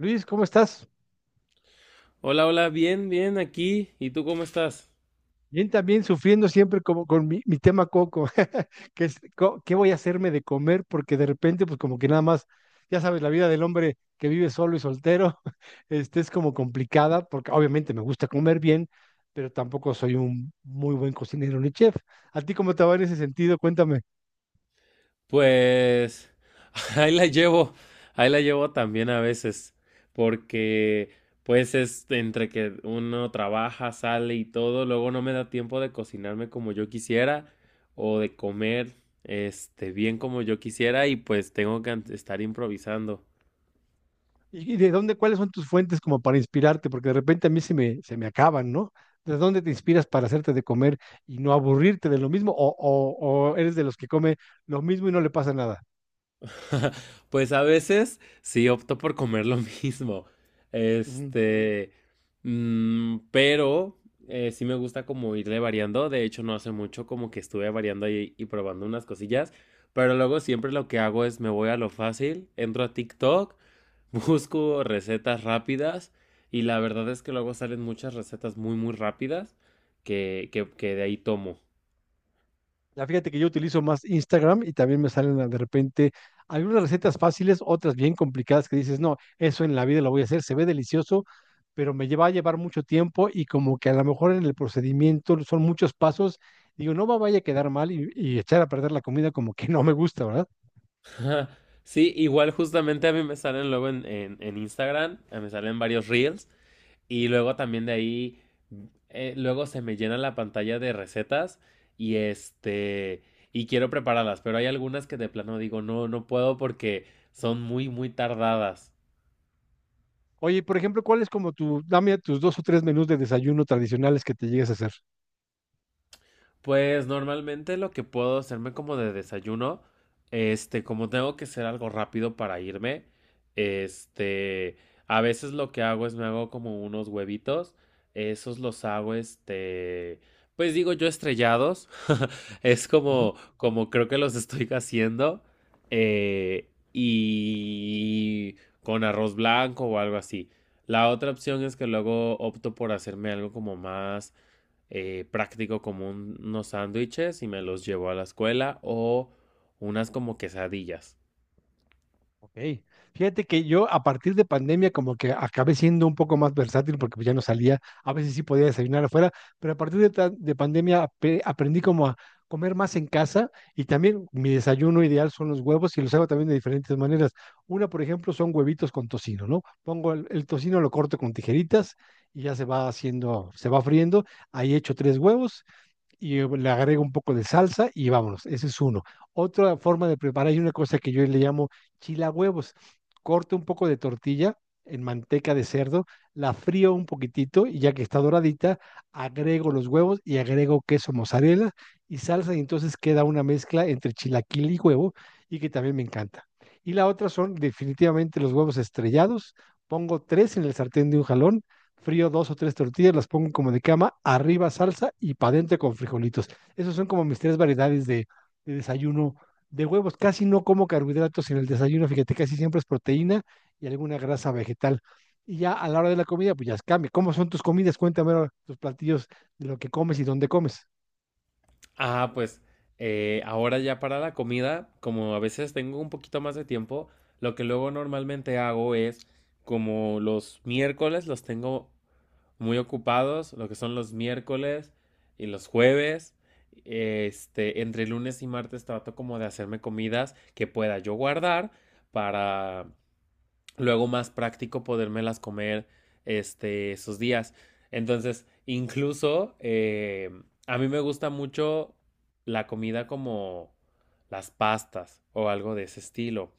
Luis, ¿cómo estás? Hola, hola, bien, bien, aquí. ¿Y tú cómo estás? Bien, también sufriendo siempre como con mi tema coco, que es qué voy a hacerme de comer, porque de repente, pues como que nada más, ya sabes, la vida del hombre que vive solo y soltero, este es como complicada, porque obviamente me gusta comer bien, pero tampoco soy un muy buen cocinero ni chef. ¿A ti cómo te va en ese sentido? Cuéntame. Pues ahí la llevo, ahí la llevo también a veces, porque pues es entre que uno trabaja, sale y todo, luego no me da tiempo de cocinarme como yo quisiera o de comer bien como yo quisiera y pues tengo que estar improvisando. ¿Y de dónde, cuáles son tus fuentes como para inspirarte? Porque de repente a mí se me acaban, ¿no? ¿De dónde te inspiras para hacerte de comer y no aburrirte de lo mismo? O eres de los que come lo mismo y no le pasa nada? Pues a veces sí opto por comer lo mismo. Ujú. Este, pero sí me gusta como irle variando. De hecho, no hace mucho como que estuve variando y probando unas cosillas. Pero luego siempre lo que hago es me voy a lo fácil, entro a TikTok, busco recetas rápidas y la verdad es que luego salen muchas recetas muy muy rápidas que de ahí tomo. Ya fíjate que yo utilizo más Instagram y también me salen de repente algunas recetas fáciles, otras bien complicadas que dices, no, eso en la vida lo voy a hacer, se ve delicioso, pero me lleva a llevar mucho tiempo y como que a lo mejor en el procedimiento son muchos pasos, digo, no me vaya a quedar mal y echar a perder la comida como que no me gusta, ¿verdad? Ajá. Sí, igual justamente a mí me salen luego en Instagram, me salen varios reels y luego también de ahí, luego se me llena la pantalla de recetas y este, y quiero prepararlas, pero hay algunas que de plano digo, no, no puedo porque son muy, muy tardadas. Oye, por ejemplo, ¿cuál es como dame tus dos o tres menús de desayuno tradicionales que te llegues a hacer? Pues normalmente lo que puedo hacerme como de desayuno, como tengo que hacer algo rápido para irme, este, a veces lo que hago es me hago como unos huevitos, esos los hago, pues digo yo estrellados, es Ujú. Como creo que los estoy haciendo, y con arroz blanco o algo así. La otra opción es que luego opto por hacerme algo como más práctico como unos sándwiches y me los llevo a la escuela o unas como quesadillas. Ok. Fíjate que yo a partir de pandemia como que acabé siendo un poco más versátil porque pues ya no salía, a veces sí podía desayunar afuera, pero a partir de, de pandemia aprendí como a comer más en casa y también mi desayuno ideal son los huevos y los hago también de diferentes maneras. Una, por ejemplo, son huevitos con tocino, ¿no? Pongo el tocino, lo corto con tijeritas y ya se va haciendo, se va friendo. Ahí echo tres huevos y le agrego un poco de salsa y vámonos. Ese es uno. Otra forma de preparar, hay una cosa que yo le llamo chila huevos. Corto un poco de tortilla en manteca de cerdo, la frío un poquitito y ya que está doradita, agrego los huevos y agrego queso mozzarella y salsa y entonces queda una mezcla entre chilaquil y huevo y que también me encanta. Y la otra son definitivamente los huevos estrellados. Pongo tres en el sartén de un jalón, frío dos o tres tortillas, las pongo como de cama, arriba salsa y para adentro con frijolitos. Esos son como mis tres variedades de desayuno de huevos. Casi no como carbohidratos en el desayuno, fíjate, casi siempre es proteína y alguna grasa vegetal. Y ya a la hora de la comida, pues ya cambia. ¿Cómo son tus comidas? Cuéntame ahora tus platillos de lo que comes y dónde comes. Ah, pues ahora ya para la comida, como a veces tengo un poquito más de tiempo, lo que luego normalmente hago es como los miércoles los tengo muy ocupados, lo que son los miércoles y los jueves. Este, entre lunes y martes trato como de hacerme comidas que pueda yo guardar para luego más práctico podérmelas comer esos días. Entonces, incluso a mí me gusta mucho la comida como las pastas o algo de ese estilo.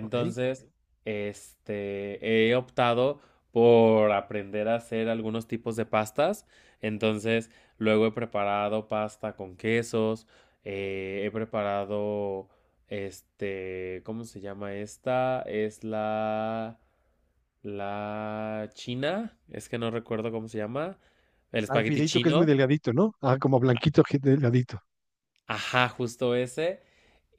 Ok. He optado por aprender a hacer algunos tipos de pastas. Entonces, luego he preparado pasta con quesos, he preparado, este, ¿cómo se llama esta? Es la china, es que no recuerdo cómo se llama, el Al espagueti fideito que es muy chino. delgadito, ¿no? Ah, como blanquito, que delgadito. Ajá, justo ese.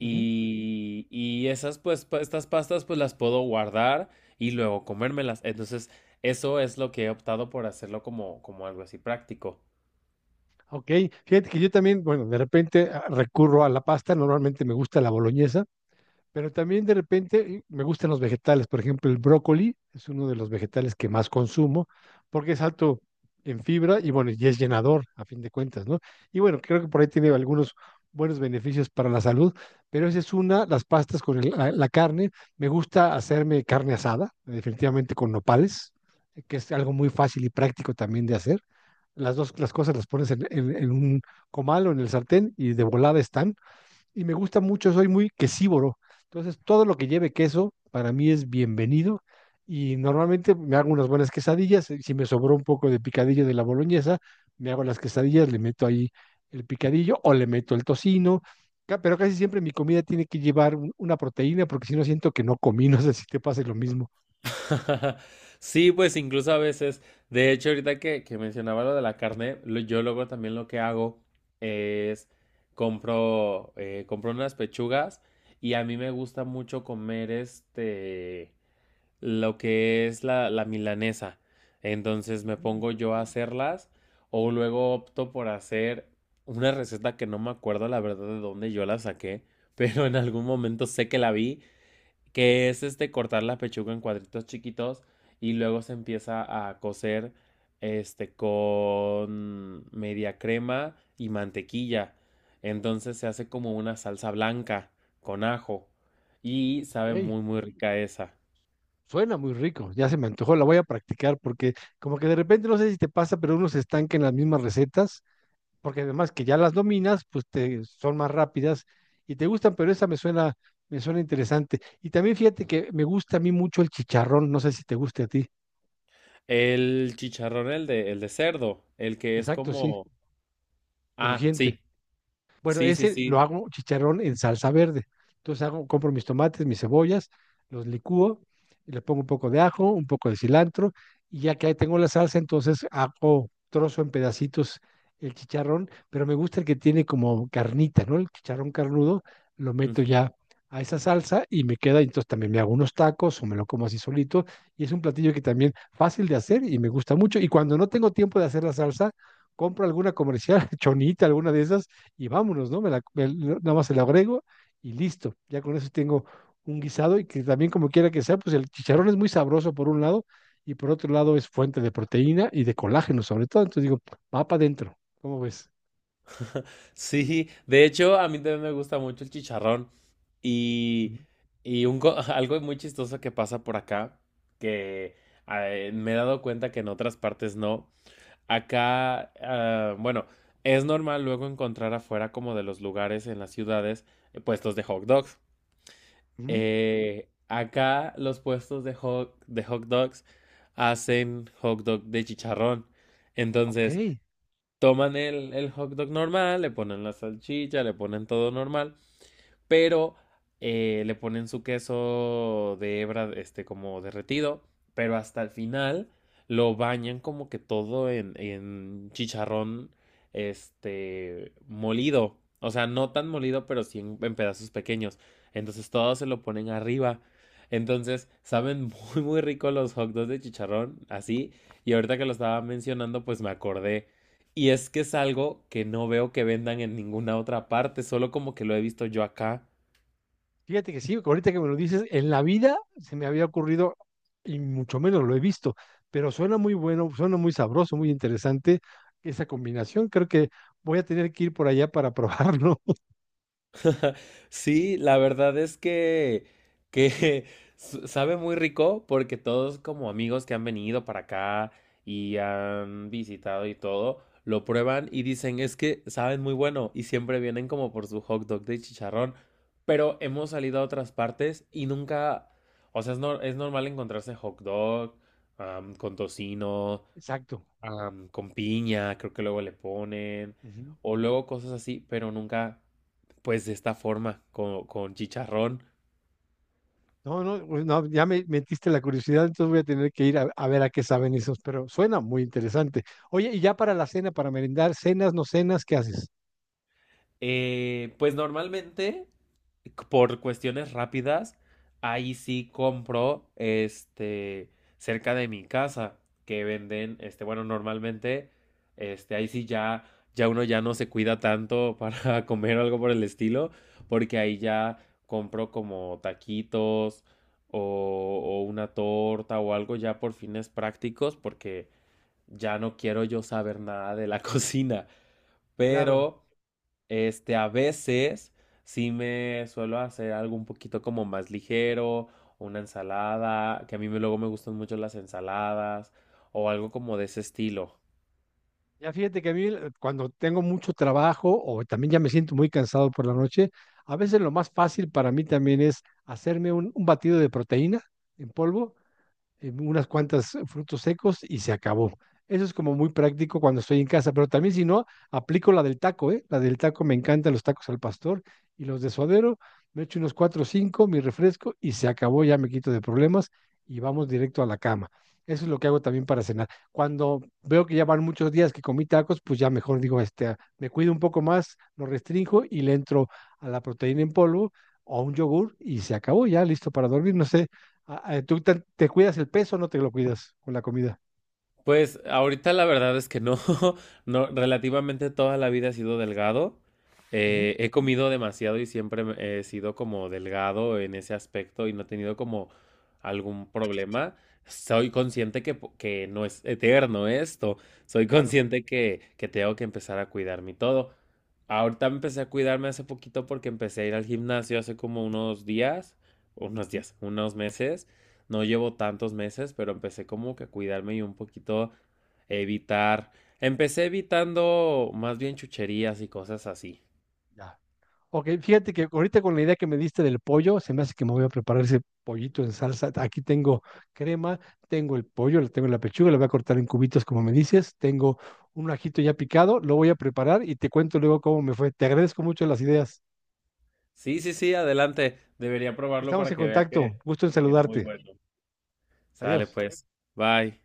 Ujú. Y esas, pues, estas pastas, pues las puedo guardar y luego comérmelas. Entonces, eso es lo que he optado por hacerlo como algo así práctico. Ok. Fíjate que yo también, bueno, de repente ah, recurro a la pasta. Normalmente me gusta la boloñesa. Pero también de repente me gustan los vegetales. Por ejemplo, el brócoli es uno de los vegetales que más consumo porque es alto en fibra y bueno, y es llenador a fin de cuentas, ¿no? Y bueno, creo que por ahí tiene algunos buenos beneficios para la salud, pero esa es una, las pastas con la carne. Me gusta hacerme carne asada, definitivamente con nopales, que es algo muy fácil y práctico también de hacer. Las dos, las cosas las pones en un comal o en el sartén y de volada están y me gusta mucho, soy muy quesívoro. Entonces, todo lo que lleve queso para mí es bienvenido y normalmente me hago unas buenas quesadillas. Y si me sobró un poco de picadillo de la boloñesa, me hago las quesadillas, le meto ahí el picadillo o le meto el tocino. Pero casi siempre mi comida tiene que llevar una proteína porque si no siento que no comí, no sé si te pase lo mismo. Sí, pues incluso a veces, de hecho, ahorita que mencionaba lo de la carne, yo luego también lo que hago es compro, compro unas pechugas y a mí me gusta mucho comer este. Lo que es la milanesa. Entonces me Mm, pongo yo a hacerlas o luego opto por hacer una receta que no me acuerdo la verdad de dónde yo la saqué, pero en algún momento sé que la vi, que es este cortar la pechuga en cuadritos chiquitos y luego se empieza a cocer este con media crema y mantequilla. Entonces se hace como una salsa blanca con ajo y sabe ok. muy muy rica esa. Suena muy rico, ya se me antojó, la voy a practicar porque como que de repente no sé si te pasa, pero uno se estanca en las mismas recetas porque además que ya las dominas, pues te, son más rápidas y te gustan, pero esa me suena interesante. Y también fíjate que me gusta a mí mucho el chicharrón, no sé si te guste a ti. El chicharrón, el de cerdo, el que es Exacto, sí, como... Ah, crujiente. sí, Bueno, sí, sí, ese lo sí. hago chicharrón en salsa verde. Entonces hago, compro mis tomates, mis cebollas, los licúo, y le pongo un poco de ajo, un poco de cilantro, y ya que ahí tengo la salsa, entonces hago trozo en pedacitos el chicharrón, pero me gusta el que tiene como carnita, ¿no? El chicharrón carnudo, lo meto Ujú. ya a esa salsa y me queda, entonces también me hago unos tacos o me lo como así solito, y es un platillo que también fácil de hacer y me gusta mucho, y cuando no tengo tiempo de hacer la salsa, compro alguna comercial, chonita, alguna de esas, y vámonos, ¿no? No, nada más se la agrego y listo. Ya con eso tengo un guisado y que también como quiera que sea, pues el chicharrón es muy sabroso por un lado y por otro lado es fuente de proteína y de colágeno sobre todo. Entonces digo, va para adentro. ¿Cómo ves? Sí, de hecho, a mí también me gusta mucho el chicharrón. Y, Ujú. y algo muy chistoso que pasa por acá, que me he dado cuenta que en otras partes no. Acá, ah, bueno, es normal luego encontrar afuera como de los lugares en las ciudades puestos de hot dogs. Ujú. Acá los puestos de de hot dogs hacen hot dog de chicharrón. Ok. Entonces, toman el hot dog normal, le ponen la salchicha, le ponen todo normal pero le ponen su queso de hebra, este, como derretido, pero hasta el final lo bañan como que todo en chicharrón, este, molido. O sea, no tan molido, pero sí en pedazos pequeños. Entonces todo se lo ponen arriba. Entonces, saben muy, muy rico los hot dogs de chicharrón, así. Y ahorita que lo estaba mencionando, pues me acordé. Y es que es algo que no veo que vendan en ninguna otra parte, solo como que lo he visto yo acá. Fíjate que sí, ahorita que me lo dices, en la vida se me había ocurrido y mucho menos lo he visto, pero suena muy bueno, suena muy sabroso, muy interesante esa combinación. Creo que voy a tener que ir por allá para probarlo. Sí, la verdad es que sabe muy rico porque todos como amigos que han venido para acá y han visitado y todo, lo prueban y dicen es que saben muy bueno y siempre vienen como por su hot dog de chicharrón, pero hemos salido a otras partes y nunca, o sea, es, es normal encontrarse hot dog con tocino Exacto. Con piña, creo que luego le ponen, Ujú. o luego cosas así, pero nunca, pues de esta forma, con chicharrón. No, no, pues no, ya me metiste la curiosidad, entonces voy a tener que ir a ver a qué saben esos, pero suena muy interesante. Oye, y ya para la cena, para merendar, cenas, no cenas, ¿qué haces? Pues normalmente por cuestiones rápidas, ahí sí compro este cerca de mi casa que venden este bueno, normalmente este ahí sí ya ya uno ya no se cuida tanto para comer o algo por el estilo, porque ahí ya compro como taquitos o una torta o algo ya por fines prácticos, porque ya no quiero yo saber nada de la cocina. Claro. Pero a veces sí me suelo hacer algo un poquito como más ligero, una ensalada, que a mí luego me gustan mucho las ensaladas, o algo como de ese estilo. Ya fíjate que a mí cuando tengo mucho trabajo o también ya me siento muy cansado por la noche, a veces lo más fácil para mí también es hacerme un batido de proteína en polvo, unas cuantas frutos secos y se acabó. Eso es como muy práctico cuando estoy en casa, pero también si no, aplico la del taco, ¿eh? La del taco me encantan los tacos al pastor y los de suadero, me echo unos cuatro o cinco, mi refresco y se acabó, ya me quito de problemas y vamos directo a la cama. Eso es lo que hago también para cenar. Cuando veo que ya van muchos días que comí tacos, pues ya mejor digo, este, ah, me cuido un poco más, lo restringo y le entro a la proteína en polvo o a un yogur y se acabó ya, listo para dormir. No sé. Ah, ah, ¿tú te cuidas el peso o no te lo cuidas con la comida? Pues ahorita la verdad es que no, no, relativamente toda la vida he sido delgado. Ujú. He comido demasiado y siempre he sido como delgado en ese aspecto y no he tenido como algún problema. Soy consciente que, que no es eterno esto. Soy Claro. consciente que tengo que empezar a cuidarme y todo. Ahorita empecé a cuidarme hace poquito porque empecé a ir al gimnasio hace como unos días, unos Ujú. días, unos meses. No llevo tantos meses, pero empecé como que a cuidarme y un poquito evitar. Empecé evitando más bien chucherías y cosas así. Ya. Ok, fíjate que ahorita con la idea que me diste del pollo, se me hace que me voy a preparar ese pollito en salsa. Aquí tengo crema, tengo el pollo, le tengo la pechuga, la voy a cortar en cubitos como me dices, tengo un ajito ya picado, lo voy a preparar y te cuento luego cómo me fue. Te agradezco mucho las ideas. Sí, sí, sí, adelante. Debería probarlo Estamos para en que vea contacto, gusto en que es muy saludarte. bueno. Sale Adiós. pues. Bye.